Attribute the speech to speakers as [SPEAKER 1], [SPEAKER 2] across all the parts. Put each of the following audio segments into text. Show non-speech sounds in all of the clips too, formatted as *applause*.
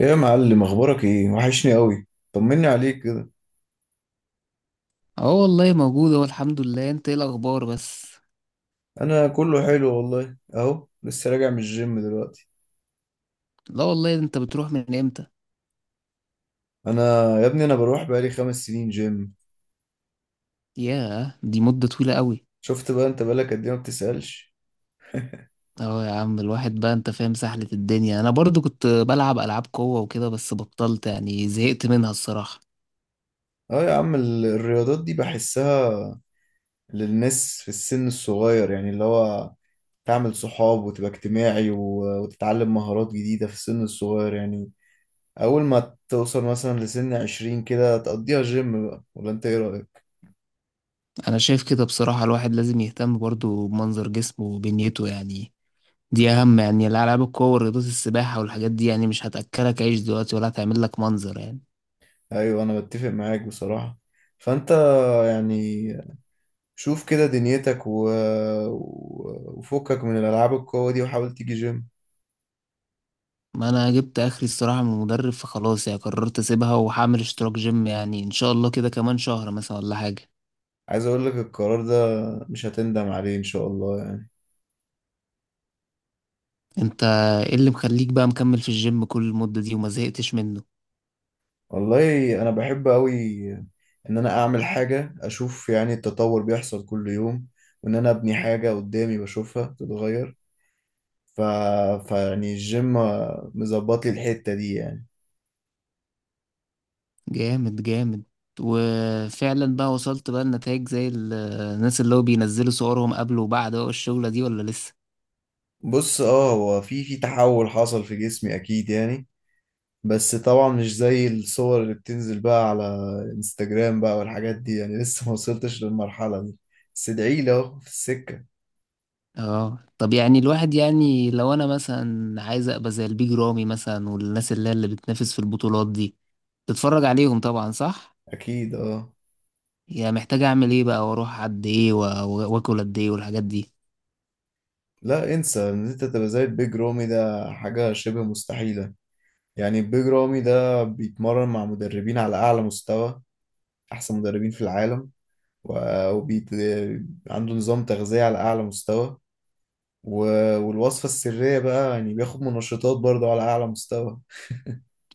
[SPEAKER 1] يا معلم، اخبارك ايه؟ وحشني قوي. طمني عليك كده.
[SPEAKER 2] اه، والله موجود اهو، الحمد لله. انت ايه الاخبار بس؟
[SPEAKER 1] انا كله حلو والله، اهو لسه راجع من الجيم دلوقتي.
[SPEAKER 2] لا والله، انت بتروح من امتى؟
[SPEAKER 1] انا يا ابني انا بروح بقالي 5 سنين جيم.
[SPEAKER 2] ياه، دي مدة طويلة قوي.
[SPEAKER 1] شفت بقى؟ انت بقالك قد ايه ما بتسألش؟
[SPEAKER 2] اه يا عم، الواحد بقى، انت فاهم سحلة الدنيا. انا برضو كنت بلعب العاب قوة وكده، بس بطلت يعني، زهقت منها الصراحة.
[SPEAKER 1] اه يا عم، الرياضات دي بحسها للناس في السن الصغير يعني، اللي هو تعمل صحاب وتبقى اجتماعي وتتعلم مهارات جديدة في السن الصغير يعني. اول ما توصل مثلا لسن 20 كده تقضيها جيم بقى، ولا انت ايه رأيك؟
[SPEAKER 2] انا شايف كده بصراحة، الواحد لازم يهتم برضو بمنظر جسمه وبنيته يعني. دي اهم يعني، الالعاب القوة ورياضات السباحة والحاجات دي يعني، مش هتأكلك عيش دلوقتي، ولا هتعمل لك منظر يعني.
[SPEAKER 1] ايوه انا بتفق معاك بصراحة. فانت يعني شوف كده دنيتك وفكك من الالعاب القوة دي وحاول تيجي جيم.
[SPEAKER 2] ما انا جبت اخري الصراحه من المدرب، فخلاص يعني، قررت اسيبها وهعمل اشتراك جيم، يعني ان شاء الله كده كمان شهر مثلا ولا حاجه.
[SPEAKER 1] عايز اقول لك القرار ده مش هتندم عليه ان شاء الله يعني.
[SPEAKER 2] انت، ايه اللي مخليك بقى مكمل في الجيم كل المده دي وما زهقتش منه؟
[SPEAKER 1] والله انا بحب قوي ان انا اعمل حاجة، اشوف يعني التطور بيحصل كل يوم، وان انا ابني حاجة قدامي بشوفها تتغير. ف... فيعني الجيم مظبط لي الحتة دي يعني.
[SPEAKER 2] جامد جامد. وفعلا بقى وصلت بقى النتائج زي الناس اللي هو بينزلوا صورهم قبل وبعد بقى الشغله دي، ولا لسه؟
[SPEAKER 1] بص، اه هو في تحول حصل في جسمي اكيد يعني. بس طبعا مش زي الصور اللي بتنزل بقى على انستجرام بقى والحاجات دي يعني، لسه *laughs* ما وصلتش للمرحلة دي. بس ادعي لي، اهو في السكة.
[SPEAKER 2] اه طب، يعني الواحد يعني، لو انا مثلا عايز ابقى زي البيج رامي مثلا والناس اللي هي اللي بتنافس في البطولات دي، تتفرج عليهم طبعا، صح؟
[SPEAKER 1] اكيد، اه.
[SPEAKER 2] هي محتاجة أعمل إيه بقى، وأروح قد إيه وآكل قد إيه والحاجات دي؟
[SPEAKER 1] لا انسى ان انت تبقى زي البيج رامي، ده حاجة شبه مستحيلة يعني. البيج رامي ده بيتمرن مع مدربين على اعلى مستوى، احسن مدربين في العالم، وبيت عنده نظام تغذية على اعلى مستوى، والوصفة السرية بقى يعني بياخد منشطات برضه على اعلى مستوى.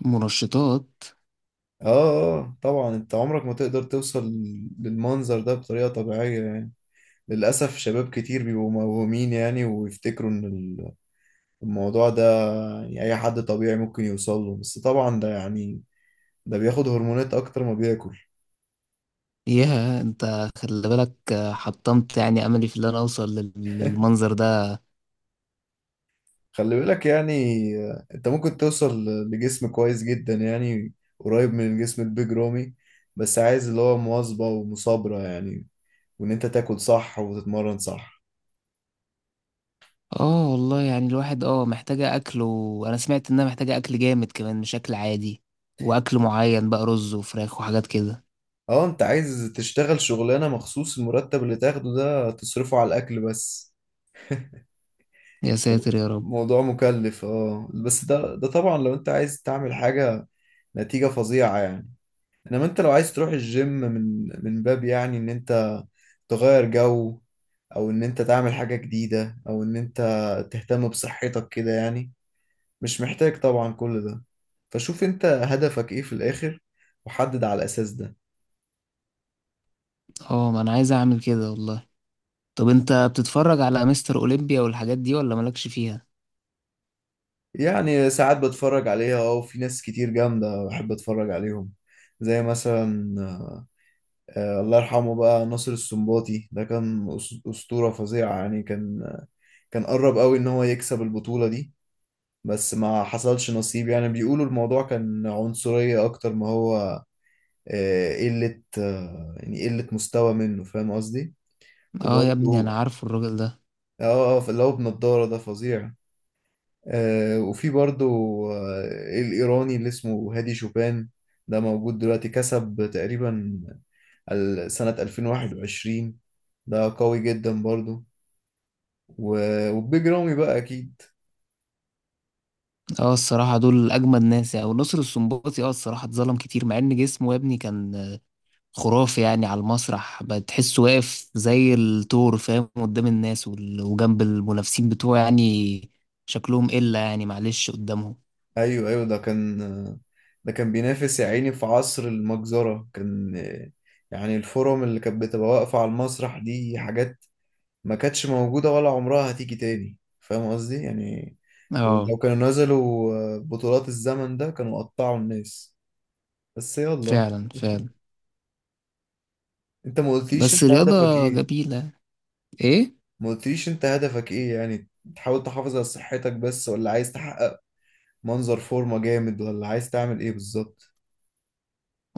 [SPEAKER 2] منشطات؟
[SPEAKER 1] اه. آه، طبعا انت عمرك ما تقدر توصل للمنظر ده بطريقة طبيعية يعني. للأسف شباب كتير بيبقوا موهومين يعني، ويفتكروا ان الموضوع ده يعني اي حد طبيعي ممكن يوصل له، بس طبعا ده يعني ده بياخد هرمونات اكتر ما بياكل.
[SPEAKER 2] ياه، أنت خلي بالك. حطمت يعني أملي في اللي أنا أوصل للمنظر ده.
[SPEAKER 1] خلي بالك يعني، آه، انت ممكن توصل لجسم كويس جدا يعني، قريب من الجسم البيج رامي، بس عايز اللي هو مواظبة ومصابرة يعني، وان انت تاكل صح وتتمرن صح.
[SPEAKER 2] آه والله يعني، الواحد محتاجة أكل، وأنا سمعت إنها محتاجة أكل جامد كمان، مش أكل عادي. وأكل معين بقى، رز وفراخ وحاجات كده.
[SPEAKER 1] اه، انت عايز تشتغل شغلانة مخصوص المرتب اللي تاخده ده تصرفه على الأكل بس؟
[SPEAKER 2] يا ساتر يا رب.
[SPEAKER 1] موضوع مكلف اه، بس ده طبعا لو انت عايز تعمل حاجة نتيجة فظيعة يعني. انما انت لو عايز تروح الجيم من باب يعني ان انت تغير جو، او ان انت تعمل حاجة جديدة، او ان انت تهتم بصحتك كده يعني، مش محتاج طبعا كل ده. فشوف انت هدفك ايه في الآخر، وحدد على الأساس ده.
[SPEAKER 2] آه، ما أنا عايز أعمل كده والله. طب أنت بتتفرج على مستر أولمبيا والحاجات دي ولا مالكش فيها؟
[SPEAKER 1] يعني ساعات بتفرج عليها اه، وفي ناس كتير جامدة بحب اتفرج عليهم، زي مثلا آه، الله يرحمه بقى ناصر السنباطي، ده كان أسطورة فظيعة يعني، كان قرب قوي ان هو يكسب البطولة دي بس ما حصلش نصيب. يعني بيقولوا الموضوع كان عنصرية اكتر ما هو آه، قلة، آه، يعني قلة مستوى منه، فاهم قصدي؟
[SPEAKER 2] آه يا ابني،
[SPEAKER 1] وبرضه
[SPEAKER 2] أنا عارفه الراجل ده.
[SPEAKER 1] اه آه، اللي هو بنضارة ده فظيع. آه، وفي برضو آه، الإيراني اللي اسمه هادي شوبان، ده موجود دلوقتي، كسب تقريبا سنة 2021، ده قوي جدا برضو. وبيج رامي بقى أكيد.
[SPEAKER 2] اه الصراحة، دول أجمد ناس يعني. ونصر السنباطي اه الصراحة اتظلم كتير، مع إن جسمه يا ابني كان خرافي يعني. على المسرح بتحسه واقف زي الثور فاهم، قدام الناس وجنب المنافسين بتوعه يعني. شكلهم إلا يعني، معلش قدامهم.
[SPEAKER 1] أيوه أيوه، ده كان آه، ده كان بينافس يا عيني في عصر المجزرة، كان آه، يعني الفورم اللي كانت بتبقى واقفة على المسرح دي حاجات ما كانتش موجودة ولا عمرها هتيجي تاني، فاهم قصدي يعني؟ يعني
[SPEAKER 2] اه،
[SPEAKER 1] لو كانوا نزلوا آه، بطولات الزمن ده كانوا قطعوا الناس. بس يلا،
[SPEAKER 2] فعلا فعلا.
[SPEAKER 1] انت ما قلتليش انت
[SPEAKER 2] بس
[SPEAKER 1] هدفك
[SPEAKER 2] رياضة
[SPEAKER 1] ايه.
[SPEAKER 2] جميلة، ايه.
[SPEAKER 1] ما قلتليش انت هدفك ايه يعني، تحاول تحافظ على صحتك بس، ولا عايز تحقق منظر فورمة جامد، ولا عايز تعمل ايه بالظبط؟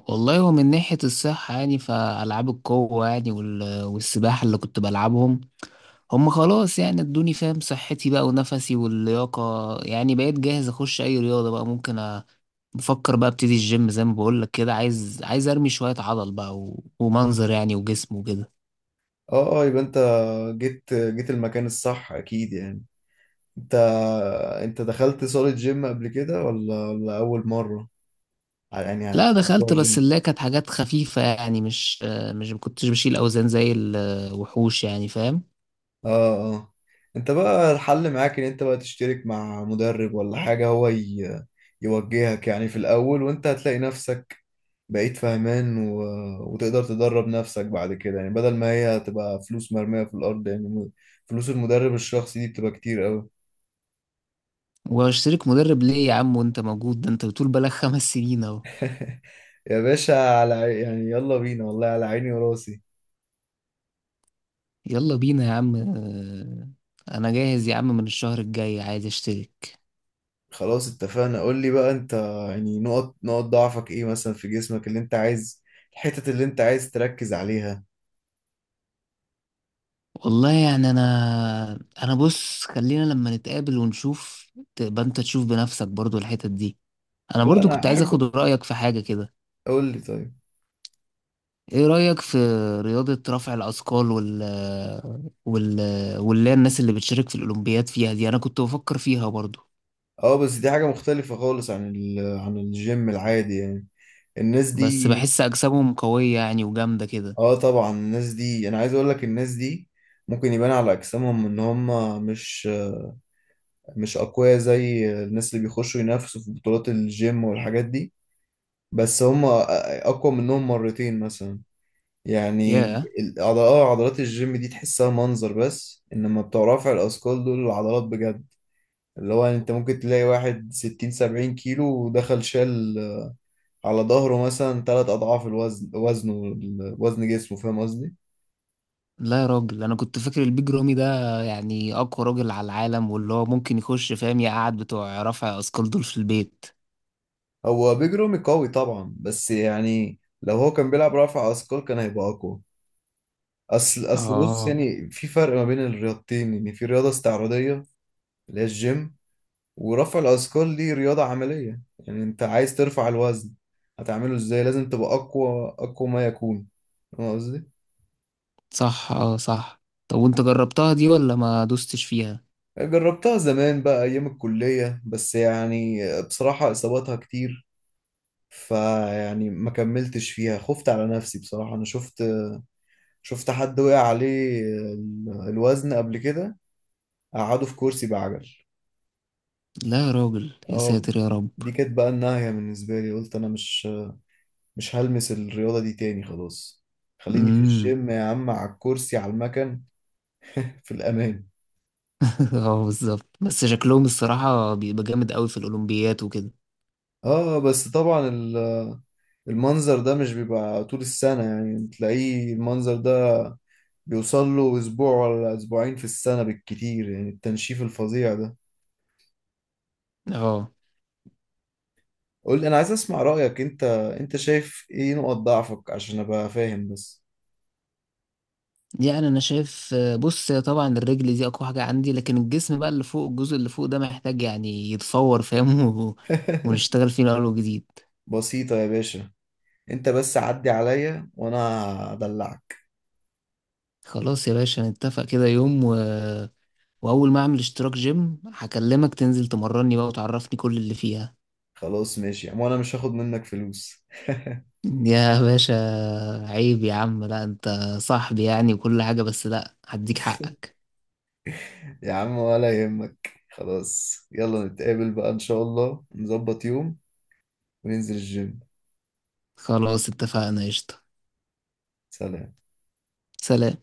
[SPEAKER 2] والله، هو من ناحية الصحة يعني، فألعاب القوة يعني والسباحة اللي كنت بلعبهم، هم خلاص يعني ادوني فاهم صحتي بقى ونفسي واللياقة. يعني بقيت جاهز اخش اي رياضة بقى، ممكن بفكر بقى ابتدي الجيم زي ما بقولك كده، عايز ارمي شوية عضل بقى ومنظر يعني، وجسم وكده.
[SPEAKER 1] اه اه، يبقى انت جيت المكان الصح اكيد يعني. انت انت دخلت صالة جيم قبل كده ولا اول مرة يعني؟
[SPEAKER 2] لا
[SPEAKER 1] هتروح
[SPEAKER 2] دخلت، بس
[SPEAKER 1] الجيم
[SPEAKER 2] اللي هي كانت حاجات خفيفة يعني. مش ما كنتش بشيل اوزان زي الوحوش يعني، فاهم.
[SPEAKER 1] اه اه. انت بقى الحل معاك ان انت بقى تشترك مع مدرب ولا حاجة، هو يوجهك يعني في الاول، وانت هتلاقي نفسك بقيت فاهمان وتقدر تدرب نفسك بعد كده يعني، بدل ما هي هتبقى فلوس مرمية في الارض يعني. فلوس المدرب الشخصي دي بتبقى كتير قوي.
[SPEAKER 2] واشترك مدرب ليه يا عم وانت موجود، ده انت بتقول بقالك 5 سنين اهو.
[SPEAKER 1] يا باشا، يعني يلا بينا والله، على عيني وراسي.
[SPEAKER 2] يلا بينا يا عم. انا جاهز يا عم، من الشهر الجاي عايز اشترك.
[SPEAKER 1] خلاص اتفقنا، قول لي بقى انت يعني نقط ضعفك ايه مثلا في جسمك، اللي انت عايز، الحتت اللي انت عايز تركز عليها.
[SPEAKER 2] والله يعني، انا بص، خلينا لما نتقابل ونشوف. تبقى انت تشوف بنفسك برضو الحتت دي. انا
[SPEAKER 1] لا
[SPEAKER 2] برضو
[SPEAKER 1] انا
[SPEAKER 2] كنت عايز اخد
[SPEAKER 1] احب،
[SPEAKER 2] رأيك في حاجة كده.
[SPEAKER 1] قول لي طيب.
[SPEAKER 2] ايه رأيك في رياضة رفع الأثقال وال واللي هي الناس اللي بتشارك في الأولمبياد فيها دي؟ انا كنت بفكر فيها برضو.
[SPEAKER 1] اه بس دي حاجة مختلفة خالص عن عن الجيم العادي يعني، الناس دي.
[SPEAKER 2] بس بحس اجسامهم قوية يعني، وجامدة كده.
[SPEAKER 1] اه طبعا الناس دي، انا عايز اقول لك، الناس دي ممكن يبان على اجسامهم ان هم مش مش اقوياء زي الناس اللي بيخشوا ينافسوا في بطولات الجيم والحاجات دي، بس هم اقوى منهم مرتين مثلا يعني.
[SPEAKER 2] ياه.
[SPEAKER 1] اه عضلات الجيم دي تحسها منظر بس، انما بتوع رفع الاثقال دول العضلات بجد، اللي هو انت ممكن تلاقي واحد 60 70 كيلو ودخل شال على ظهره مثلا تلات أضعاف الوزن، وزنه، وزن جسمه، فاهم قصدي؟
[SPEAKER 2] لا يا راجل، انا كنت فاكر البيج رامي ده يعني اقوى راجل على العالم، واللي هو ممكن يخش فاهم يقعد بتوع رفع اثقال دول في البيت.
[SPEAKER 1] هو بيج رامي قوي طبعا، بس يعني لو هو كان بيلعب رفع أثقال كان هيبقى أقوى. أصل بص
[SPEAKER 2] اه
[SPEAKER 1] يعني، في فرق ما بين الرياضتين يعني، في رياضة استعراضية اللي هي الجيم، ورفع الأثقال دي رياضة عملية يعني، أنت عايز ترفع الوزن، هتعمله إزاي؟ لازم تبقى أقوى أقوى ما يكون، فاهم قصدي؟
[SPEAKER 2] صح، اه صح. طب وانت جربتها دي ولا ما دوستش فيها؟
[SPEAKER 1] جربتها زمان بقى أيام الكلية، بس يعني بصراحة إصاباتها كتير، فيعني ما كملتش فيها، خفت على نفسي بصراحة. أنا شفت حد وقع عليه الوزن قبل كده قعده في كرسي بعجل.
[SPEAKER 2] لا يا راجل، يا
[SPEAKER 1] اه،
[SPEAKER 2] ساتر يا رب.
[SPEAKER 1] دي كانت بقى النهاية بالنسبة لي، قلت أنا مش هلمس الرياضة دي تاني خلاص، خليني في
[SPEAKER 2] امم.
[SPEAKER 1] الجيم يا عم، على الكرسي على المكن، في الأمان.
[SPEAKER 2] *laughs* اه بالظبط، بس شكلهم الصراحة بيبقى جامد قوي في الأولمبيات وكده.
[SPEAKER 1] اه بس طبعا المنظر ده مش بيبقى طول السنة يعني، تلاقيه المنظر ده بيوصل له أسبوع ولا أسبوعين في السنة بالكتير، يعني التنشيف الفظيع ده.
[SPEAKER 2] اه
[SPEAKER 1] قول لي، انا عايز اسمع رأيك، انت انت شايف ايه نقط ضعفك عشان ابقى فاهم بس؟
[SPEAKER 2] يعني، انا شايف بص، هي طبعا الرجل دي اقوى حاجة عندي، لكن الجسم بقى اللي فوق، الجزء اللي فوق ده محتاج يعني يتفور فاهم. *laughs*
[SPEAKER 1] *laughs*
[SPEAKER 2] ونشتغل فيه من اول وجديد.
[SPEAKER 1] بسيطة يا باشا، انت بس عدي عليا وانا هدلعك.
[SPEAKER 2] خلاص يا باشا، نتفق كده يوم. واول ما اعمل اشتراك جيم هكلمك تنزل تمرني بقى، وتعرفني كل اللي فيها.
[SPEAKER 1] خلاص ماشي يا عم، وانا مش هاخد منك فلوس.
[SPEAKER 2] يا باشا، عيب يا عم، لا انت صاحبي يعني وكل حاجة، بس لا، هديك حقك.
[SPEAKER 1] *laughs* يا عم ولا يهمك، خلاص يلا نتقابل بقى ان شاء الله، نظبط يوم وننزل الجيم.
[SPEAKER 2] خلاص اتفقنا، قشطة.
[SPEAKER 1] سلام.
[SPEAKER 2] سلام.